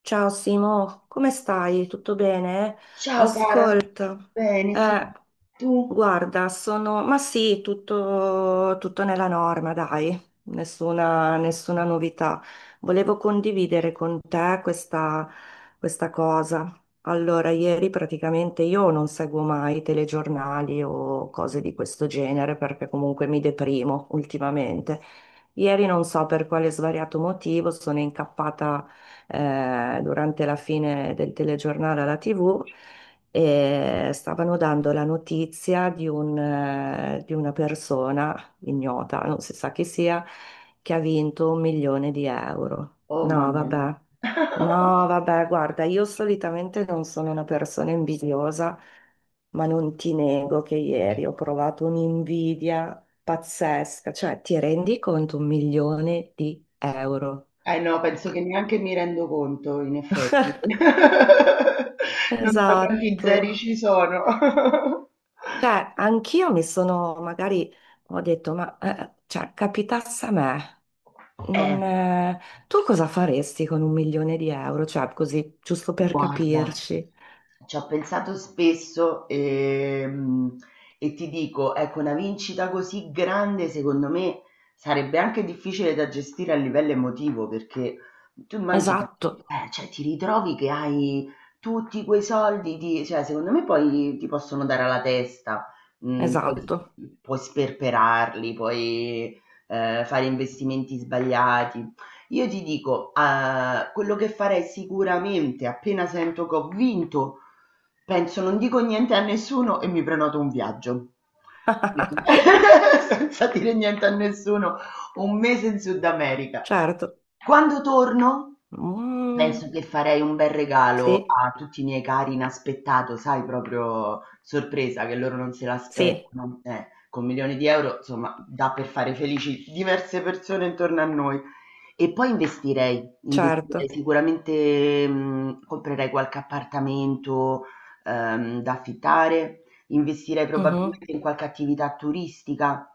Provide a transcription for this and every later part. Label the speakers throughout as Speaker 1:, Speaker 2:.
Speaker 1: Ciao Simo, come stai? Tutto bene?
Speaker 2: Ciao cara,
Speaker 1: Ascolta,
Speaker 2: bene, sì.
Speaker 1: eh,
Speaker 2: Tu?
Speaker 1: guarda, ma sì, tutto nella norma, dai, nessuna novità. Volevo condividere con te questa cosa. Allora, ieri praticamente io non seguo mai telegiornali o cose di questo genere perché comunque mi deprimo ultimamente. Ieri non so per quale svariato motivo sono incappata durante la fine del telegiornale alla TV e stavano dando la notizia di una persona ignota, non si sa chi sia, che ha vinto 1 milione di euro.
Speaker 2: Oh
Speaker 1: No,
Speaker 2: mamma mia.
Speaker 1: vabbè. No, vabbè, guarda, io solitamente non sono una persona invidiosa, ma non ti nego che ieri ho provato un'invidia pazzesca, cioè ti rendi conto 1 milione di euro?
Speaker 2: Eh no, penso che neanche mi rendo conto, in effetti. Non so quanti
Speaker 1: Esatto.
Speaker 2: zeri ci sono.
Speaker 1: Cioè, anch'io mi sono, magari ho detto, ma cioè, capitasse a me,
Speaker 2: Eh,
Speaker 1: non, tu cosa faresti con 1 milione di euro? Cioè, così, giusto per
Speaker 2: guarda.
Speaker 1: capirci.
Speaker 2: Ci ho pensato spesso, e ti dico, ecco, una vincita così grande, secondo me, sarebbe anche difficile da gestire a livello emotivo, perché tu immagina,
Speaker 1: Esatto,
Speaker 2: cioè, ti ritrovi che hai tutti quei soldi, cioè, secondo me poi ti possono dare alla testa, poi
Speaker 1: esatto.
Speaker 2: puoi sperperarli, puoi fare investimenti sbagliati, io ti dico, quello che farei sicuramente appena sento che ho vinto, penso non dico niente a nessuno e mi prenoto un viaggio. Senza dire niente a nessuno, un mese in Sud America.
Speaker 1: Certo.
Speaker 2: Quando torno?
Speaker 1: Mm,
Speaker 2: Penso che farei un bel regalo
Speaker 1: sì,
Speaker 2: a tutti i miei cari inaspettato, sai, proprio sorpresa, che loro non se
Speaker 1: sì,
Speaker 2: l'aspettano. Con milioni di euro, insomma, dà per fare felici diverse persone intorno a noi. E poi investirei
Speaker 1: certo.
Speaker 2: sicuramente, comprerei qualche appartamento, da affittare, investirei
Speaker 1: Mhm.
Speaker 2: probabilmente in qualche attività turistica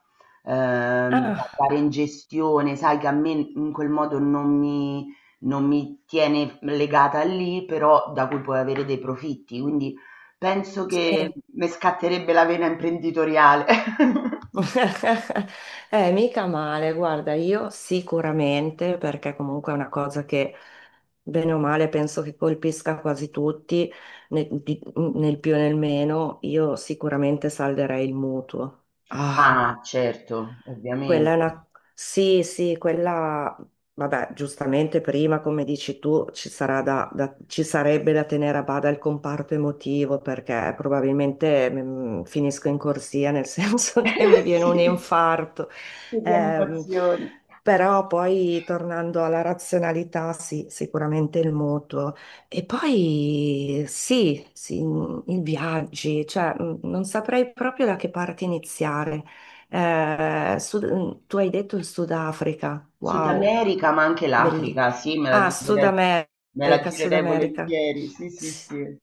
Speaker 2: da
Speaker 1: Ah,
Speaker 2: dare in gestione, sai che a me in quel modo non mi tiene legata lì, però da cui puoi avere dei profitti. Quindi penso che
Speaker 1: sì.
Speaker 2: mi scatterebbe la vena imprenditoriale.
Speaker 1: Mica male, guarda, io sicuramente, perché comunque è una cosa che bene o male penso che colpisca quasi tutti, nel, di- nel più e nel meno, io sicuramente salderei il mutuo. Ah.
Speaker 2: Ah, certo,
Speaker 1: Quella
Speaker 2: ovviamente.
Speaker 1: è una... Sì, sì. Vabbè, giustamente prima, come dici tu, ci sarà ci sarebbe da tenere a bada il comparto emotivo perché probabilmente finisco in corsia, nel senso che mi viene un
Speaker 2: Sì,
Speaker 1: infarto.
Speaker 2: sì, di
Speaker 1: Ehm,
Speaker 2: animazione.
Speaker 1: Però poi, tornando alla razionalità, sì, sicuramente il mutuo. E poi sì, sì, i viaggi, cioè non saprei proprio da che parte iniziare. Tu hai detto il Sudafrica,
Speaker 2: Sud
Speaker 1: wow,
Speaker 2: America, ma anche
Speaker 1: belli.
Speaker 2: l'Africa, sì, me la
Speaker 1: Ah, Sud
Speaker 2: girerei, me la
Speaker 1: America, Sud
Speaker 2: girerei
Speaker 1: America.
Speaker 2: volentieri, sì, sì,
Speaker 1: S-
Speaker 2: sì.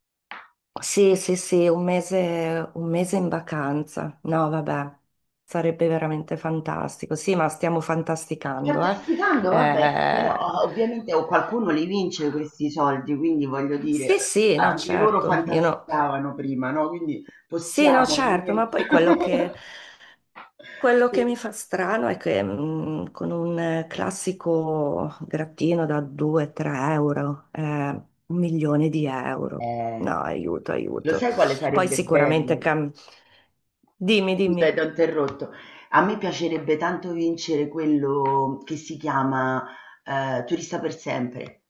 Speaker 1: Sì, sì, sì, un mese in vacanza. No, vabbè, sarebbe veramente fantastico. Sì, ma stiamo fantasticando, eh.
Speaker 2: Fantasticando, vabbè, però
Speaker 1: Eh,
Speaker 2: ovviamente o qualcuno li vince questi soldi, quindi voglio
Speaker 1: sì,
Speaker 2: dire,
Speaker 1: sì, no,
Speaker 2: anche loro
Speaker 1: certo. Io no.
Speaker 2: fantasticavano prima, no? Quindi
Speaker 1: Sì, no,
Speaker 2: possiamo
Speaker 1: certo,
Speaker 2: almeno
Speaker 1: ma poi quello che mi
Speaker 2: sì.
Speaker 1: fa strano è che con un classico grattino da 2-3 euro, 1 milione di euro.
Speaker 2: Eh,
Speaker 1: No, aiuto,
Speaker 2: lo
Speaker 1: aiuto.
Speaker 2: sai quale
Speaker 1: Poi
Speaker 2: sarebbe bello?
Speaker 1: sicuramente cam- Dimmi, dimmi.
Speaker 2: Scusa, ti ho interrotto. A me piacerebbe tanto vincere quello che si chiama Turista per sempre.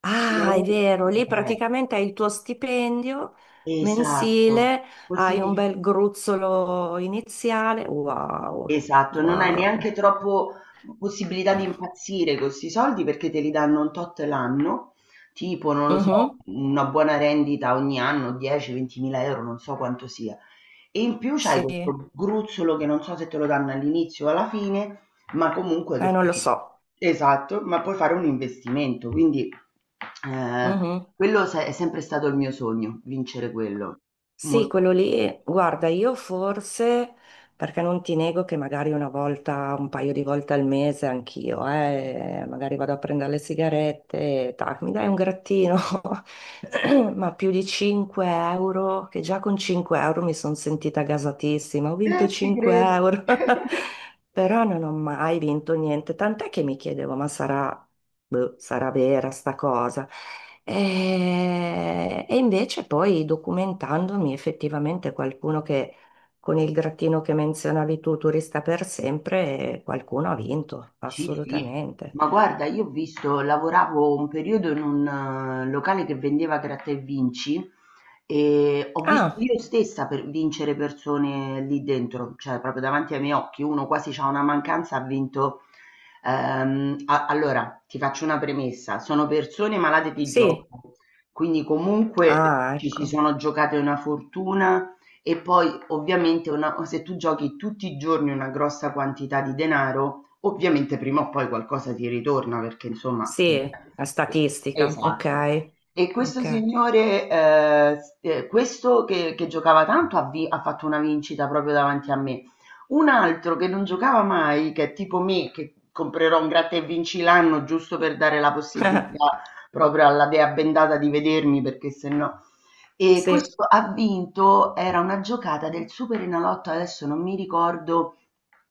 Speaker 1: Ah, è
Speaker 2: Cioè,
Speaker 1: vero, lì praticamente hai il tuo stipendio
Speaker 2: eh, esatto,
Speaker 1: mensile, hai un
Speaker 2: così.
Speaker 1: bel gruzzolo iniziale. Wow,
Speaker 2: Esatto, non hai neanche
Speaker 1: wow.
Speaker 2: troppo possibilità di impazzire con 'sti soldi perché te li danno un tot l'anno, tipo non lo so,
Speaker 1: Mhm.
Speaker 2: una buona rendita ogni anno, 10, 20.000 €, non so quanto sia. E in più c'hai
Speaker 1: Sì,
Speaker 2: questo gruzzolo che non so se te lo danno all'inizio o alla fine, ma comunque che
Speaker 1: non lo
Speaker 2: puoi,
Speaker 1: so.
Speaker 2: esatto, ma puoi fare un investimento, quindi, ehm, quello se è sempre stato il mio sogno, vincere quello.
Speaker 1: Sì,
Speaker 2: Molto.
Speaker 1: quello lì, guarda, io forse, perché non ti nego che magari una volta, un paio di volte al mese anch'io, magari vado a prendere le sigarette, tac, mi dai un grattino, ma più di 5 euro, che già con 5 € mi sono sentita gasatissima, ho vinto
Speaker 2: Ci
Speaker 1: 5
Speaker 2: credo.
Speaker 1: euro, però non ho mai vinto niente, tant'è che mi chiedevo, ma sarà boh, sarà vera sta cosa. E invece poi documentandomi effettivamente qualcuno che con il grattino che menzionavi tu, turista per sempre, qualcuno ha vinto,
Speaker 2: Sì, sì,
Speaker 1: assolutamente.
Speaker 2: ma guarda, io ho visto, lavoravo un periodo in un locale che vendeva gratta e vinci e ho visto
Speaker 1: Ah,
Speaker 2: io stessa per vincere persone lì dentro, cioè proprio davanti ai miei occhi, uno quasi c'ha una mancanza, ha vinto. Allora, ti faccio una premessa, sono persone malate di
Speaker 1: sì.
Speaker 2: gioco, quindi comunque
Speaker 1: Ah,
Speaker 2: ci si
Speaker 1: ecco.
Speaker 2: sono giocate una fortuna e poi ovviamente se tu giochi tutti i giorni una grossa quantità di denaro, ovviamente prima o poi qualcosa ti ritorna perché insomma. Sì.
Speaker 1: Sì, la statistica,
Speaker 2: Esatto.
Speaker 1: ok,
Speaker 2: E questo
Speaker 1: ok.
Speaker 2: signore, questo che giocava tanto ha fatto una vincita proprio davanti a me. Un altro che non giocava mai, che è tipo me, che comprerò un gratta e vinci l'anno giusto per dare la possibilità proprio alla dea bendata di vedermi, perché se no. E
Speaker 1: Sì,
Speaker 2: questo ha vinto era una giocata del Superenalotto, adesso non mi ricordo,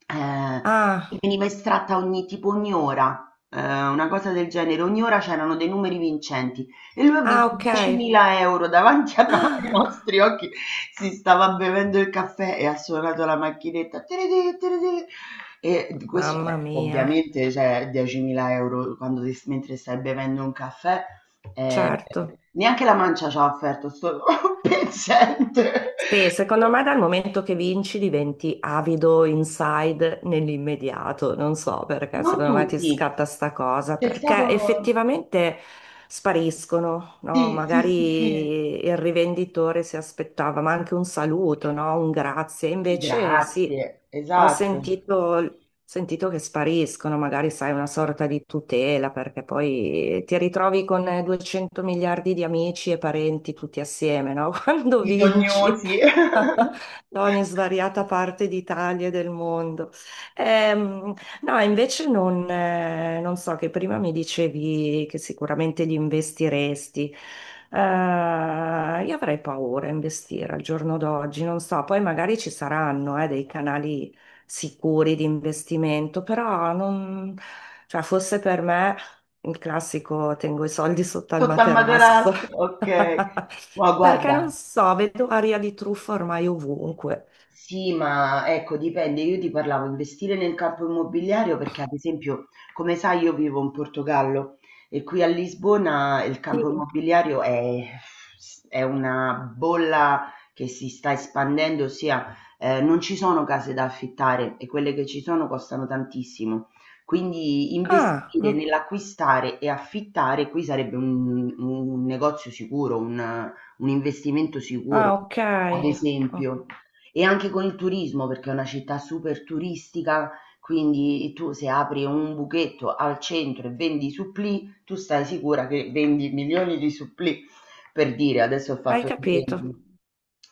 Speaker 2: ehm, che
Speaker 1: ah,
Speaker 2: veniva estratta ogni tipo ogni ora, una cosa del genere, ogni ora c'erano dei numeri vincenti e lui ha
Speaker 1: ah,
Speaker 2: vinto
Speaker 1: ok.
Speaker 2: 10.000 € davanti a, no, ai nostri occhi, si stava bevendo il caffè e ha suonato la macchinetta "tiriti tiriti" e d
Speaker 1: Ah,
Speaker 2: questo,
Speaker 1: mamma mia,
Speaker 2: ovviamente cioè 10.000 € quando ti s mentre stai bevendo un caffè. Ehm,
Speaker 1: certo.
Speaker 2: Neanche la mancia c'ha offerto sto pezzente.
Speaker 1: Sì, secondo me dal momento che vinci diventi avido inside nell'immediato, non so perché,
Speaker 2: Non
Speaker 1: secondo me ti
Speaker 2: tutti.
Speaker 1: scatta sta cosa,
Speaker 2: C'è
Speaker 1: perché
Speaker 2: stato
Speaker 1: effettivamente spariscono, no?
Speaker 2: sì, sì, sì, sì.
Speaker 1: Magari il rivenditore si aspettava, ma anche un saluto, no? Un grazie, invece sì,
Speaker 2: Grazie,
Speaker 1: ho
Speaker 2: esatto.
Speaker 1: sentito che spariscono, magari sai, una sorta di tutela, perché poi ti ritrovi con 200 miliardi di amici e parenti tutti assieme, no? Quando vinci
Speaker 2: Bisognosi.
Speaker 1: da ogni svariata parte d'Italia e del mondo. Ehm, no, invece non so, che prima mi dicevi che sicuramente li investiresti. Eh, io avrei paura a investire al giorno d'oggi, non so, poi magari ci saranno, dei canali sicuri di investimento, però non, cioè, fosse per me il classico tengo i soldi sotto al
Speaker 2: Sotto al
Speaker 1: materasso.
Speaker 2: materasso, okay. No,
Speaker 1: Perché
Speaker 2: guarda.
Speaker 1: non so, vedo aria di truffa ormai ovunque.
Speaker 2: Sì, ma ecco dipende, io ti parlavo investire nel campo immobiliare perché ad esempio, come sai, io vivo in Portogallo e qui a Lisbona il
Speaker 1: Sì.
Speaker 2: campo immobiliare è una bolla che si sta espandendo, ossia non ci sono case da affittare e quelle che ci sono costano tantissimo. Quindi
Speaker 1: Ah,
Speaker 2: investire
Speaker 1: no.
Speaker 2: nell'acquistare e affittare qui sarebbe un negozio sicuro, un investimento sicuro,
Speaker 1: Ah, ok.
Speaker 2: ad
Speaker 1: Oh.
Speaker 2: esempio. E anche con il turismo, perché è una città super turistica, quindi tu se apri un buchetto al centro e vendi supplì, tu stai sicura che vendi milioni di supplì, per dire, adesso ho
Speaker 1: Hai
Speaker 2: fatto
Speaker 1: capito?
Speaker 2: l'esempio.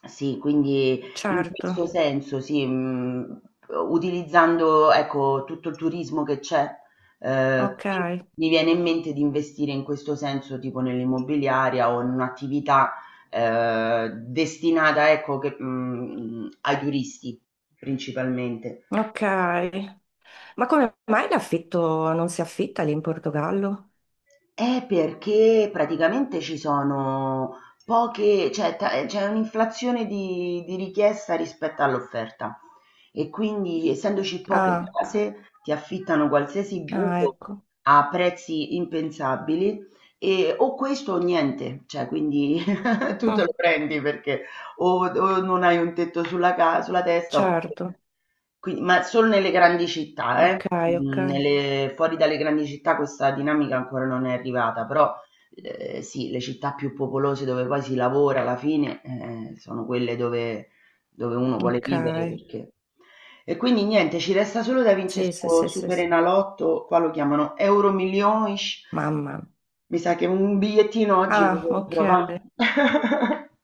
Speaker 2: Sì, quindi in
Speaker 1: Certo.
Speaker 2: questo senso, sì, utilizzando ecco, tutto il turismo che c'è,
Speaker 1: Ok.
Speaker 2: qui mi viene in mente di investire in questo senso, tipo nell'immobiliaria o in un'attività destinata, ecco, che, ai turisti principalmente.
Speaker 1: Ok. Ma come mai l'affitto non si affitta lì in Portogallo?
Speaker 2: È perché praticamente ci sono poche, cioè, c'è un'inflazione di richiesta rispetto all'offerta e quindi essendoci poche
Speaker 1: Ah.
Speaker 2: case ti affittano qualsiasi
Speaker 1: Ah,
Speaker 2: buco
Speaker 1: ecco.
Speaker 2: a prezzi impensabili e o questo o niente, cioè quindi tu te
Speaker 1: Mm,
Speaker 2: lo prendi perché o non hai un tetto sulla testa
Speaker 1: certo.
Speaker 2: oppure. Qui ma solo nelle grandi città, eh.
Speaker 1: Ok, ok.
Speaker 2: Mhmm, nelle fuori dalle grandi città questa dinamica ancora non è arrivata, però, sì, le città più popolose dove poi si lavora alla fine, sono quelle dove uno vuole
Speaker 1: Ok.
Speaker 2: vivere, perché. E quindi niente, ci resta solo da vince
Speaker 1: Sì, sì,
Speaker 2: 'sto
Speaker 1: sì, sì, sì.
Speaker 2: Superenalotto, qua lo chiamano Euromillions.
Speaker 1: Mamma.
Speaker 2: Mi sa che un bigliettino oggi lo
Speaker 1: Ah, ok.
Speaker 2: compro, va.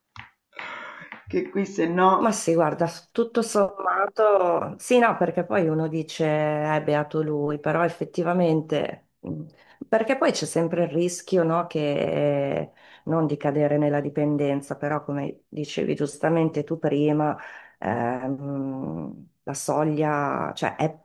Speaker 2: Che qui se
Speaker 1: Ma
Speaker 2: no
Speaker 1: sì, guarda, tutto sommato, sì, no, perché poi uno dice è beato lui, però effettivamente, perché poi c'è sempre il rischio, no, che non di cadere nella dipendenza, però come dicevi giustamente tu prima, la soglia, cioè è,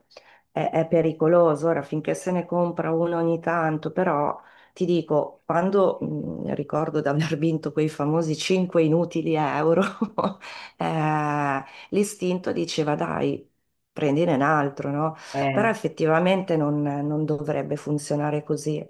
Speaker 1: è- è pericoloso, ora finché se ne compra uno ogni tanto, però ti dico, quando ricordo di aver vinto quei famosi 5 inutili euro. Eh, l'istinto diceva dai, prendine un altro, no? Però
Speaker 2: eh.
Speaker 1: effettivamente non dovrebbe funzionare così.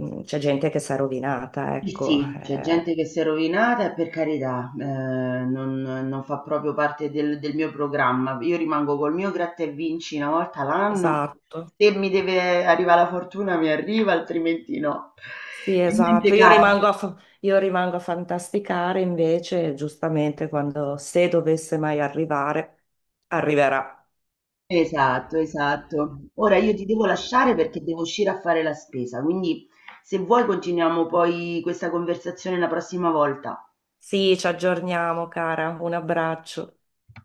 Speaker 1: C'è gente che si è rovinata,
Speaker 2: Sì,
Speaker 1: ecco.
Speaker 2: sì, c'è gente che si è rovinata e per carità, non fa proprio parte del mio programma. Io rimango col mio gratta e vinci una volta l'anno.
Speaker 1: Esatto.
Speaker 2: Se mi deve arrivare la fortuna mi arriva, altrimenti no.
Speaker 1: Sì,
Speaker 2: E
Speaker 1: esatto.
Speaker 2: niente,
Speaker 1: Io
Speaker 2: cara.
Speaker 1: rimango a, fa- io rimango a fantasticare invece, giustamente, quando se dovesse mai arrivare, arriverà.
Speaker 2: Esatto, esatto. Ora io ti devo lasciare perché devo uscire a fare la spesa, quindi se vuoi continuiamo poi questa conversazione la prossima volta.
Speaker 1: Sì, ci aggiorniamo, cara. Un abbraccio.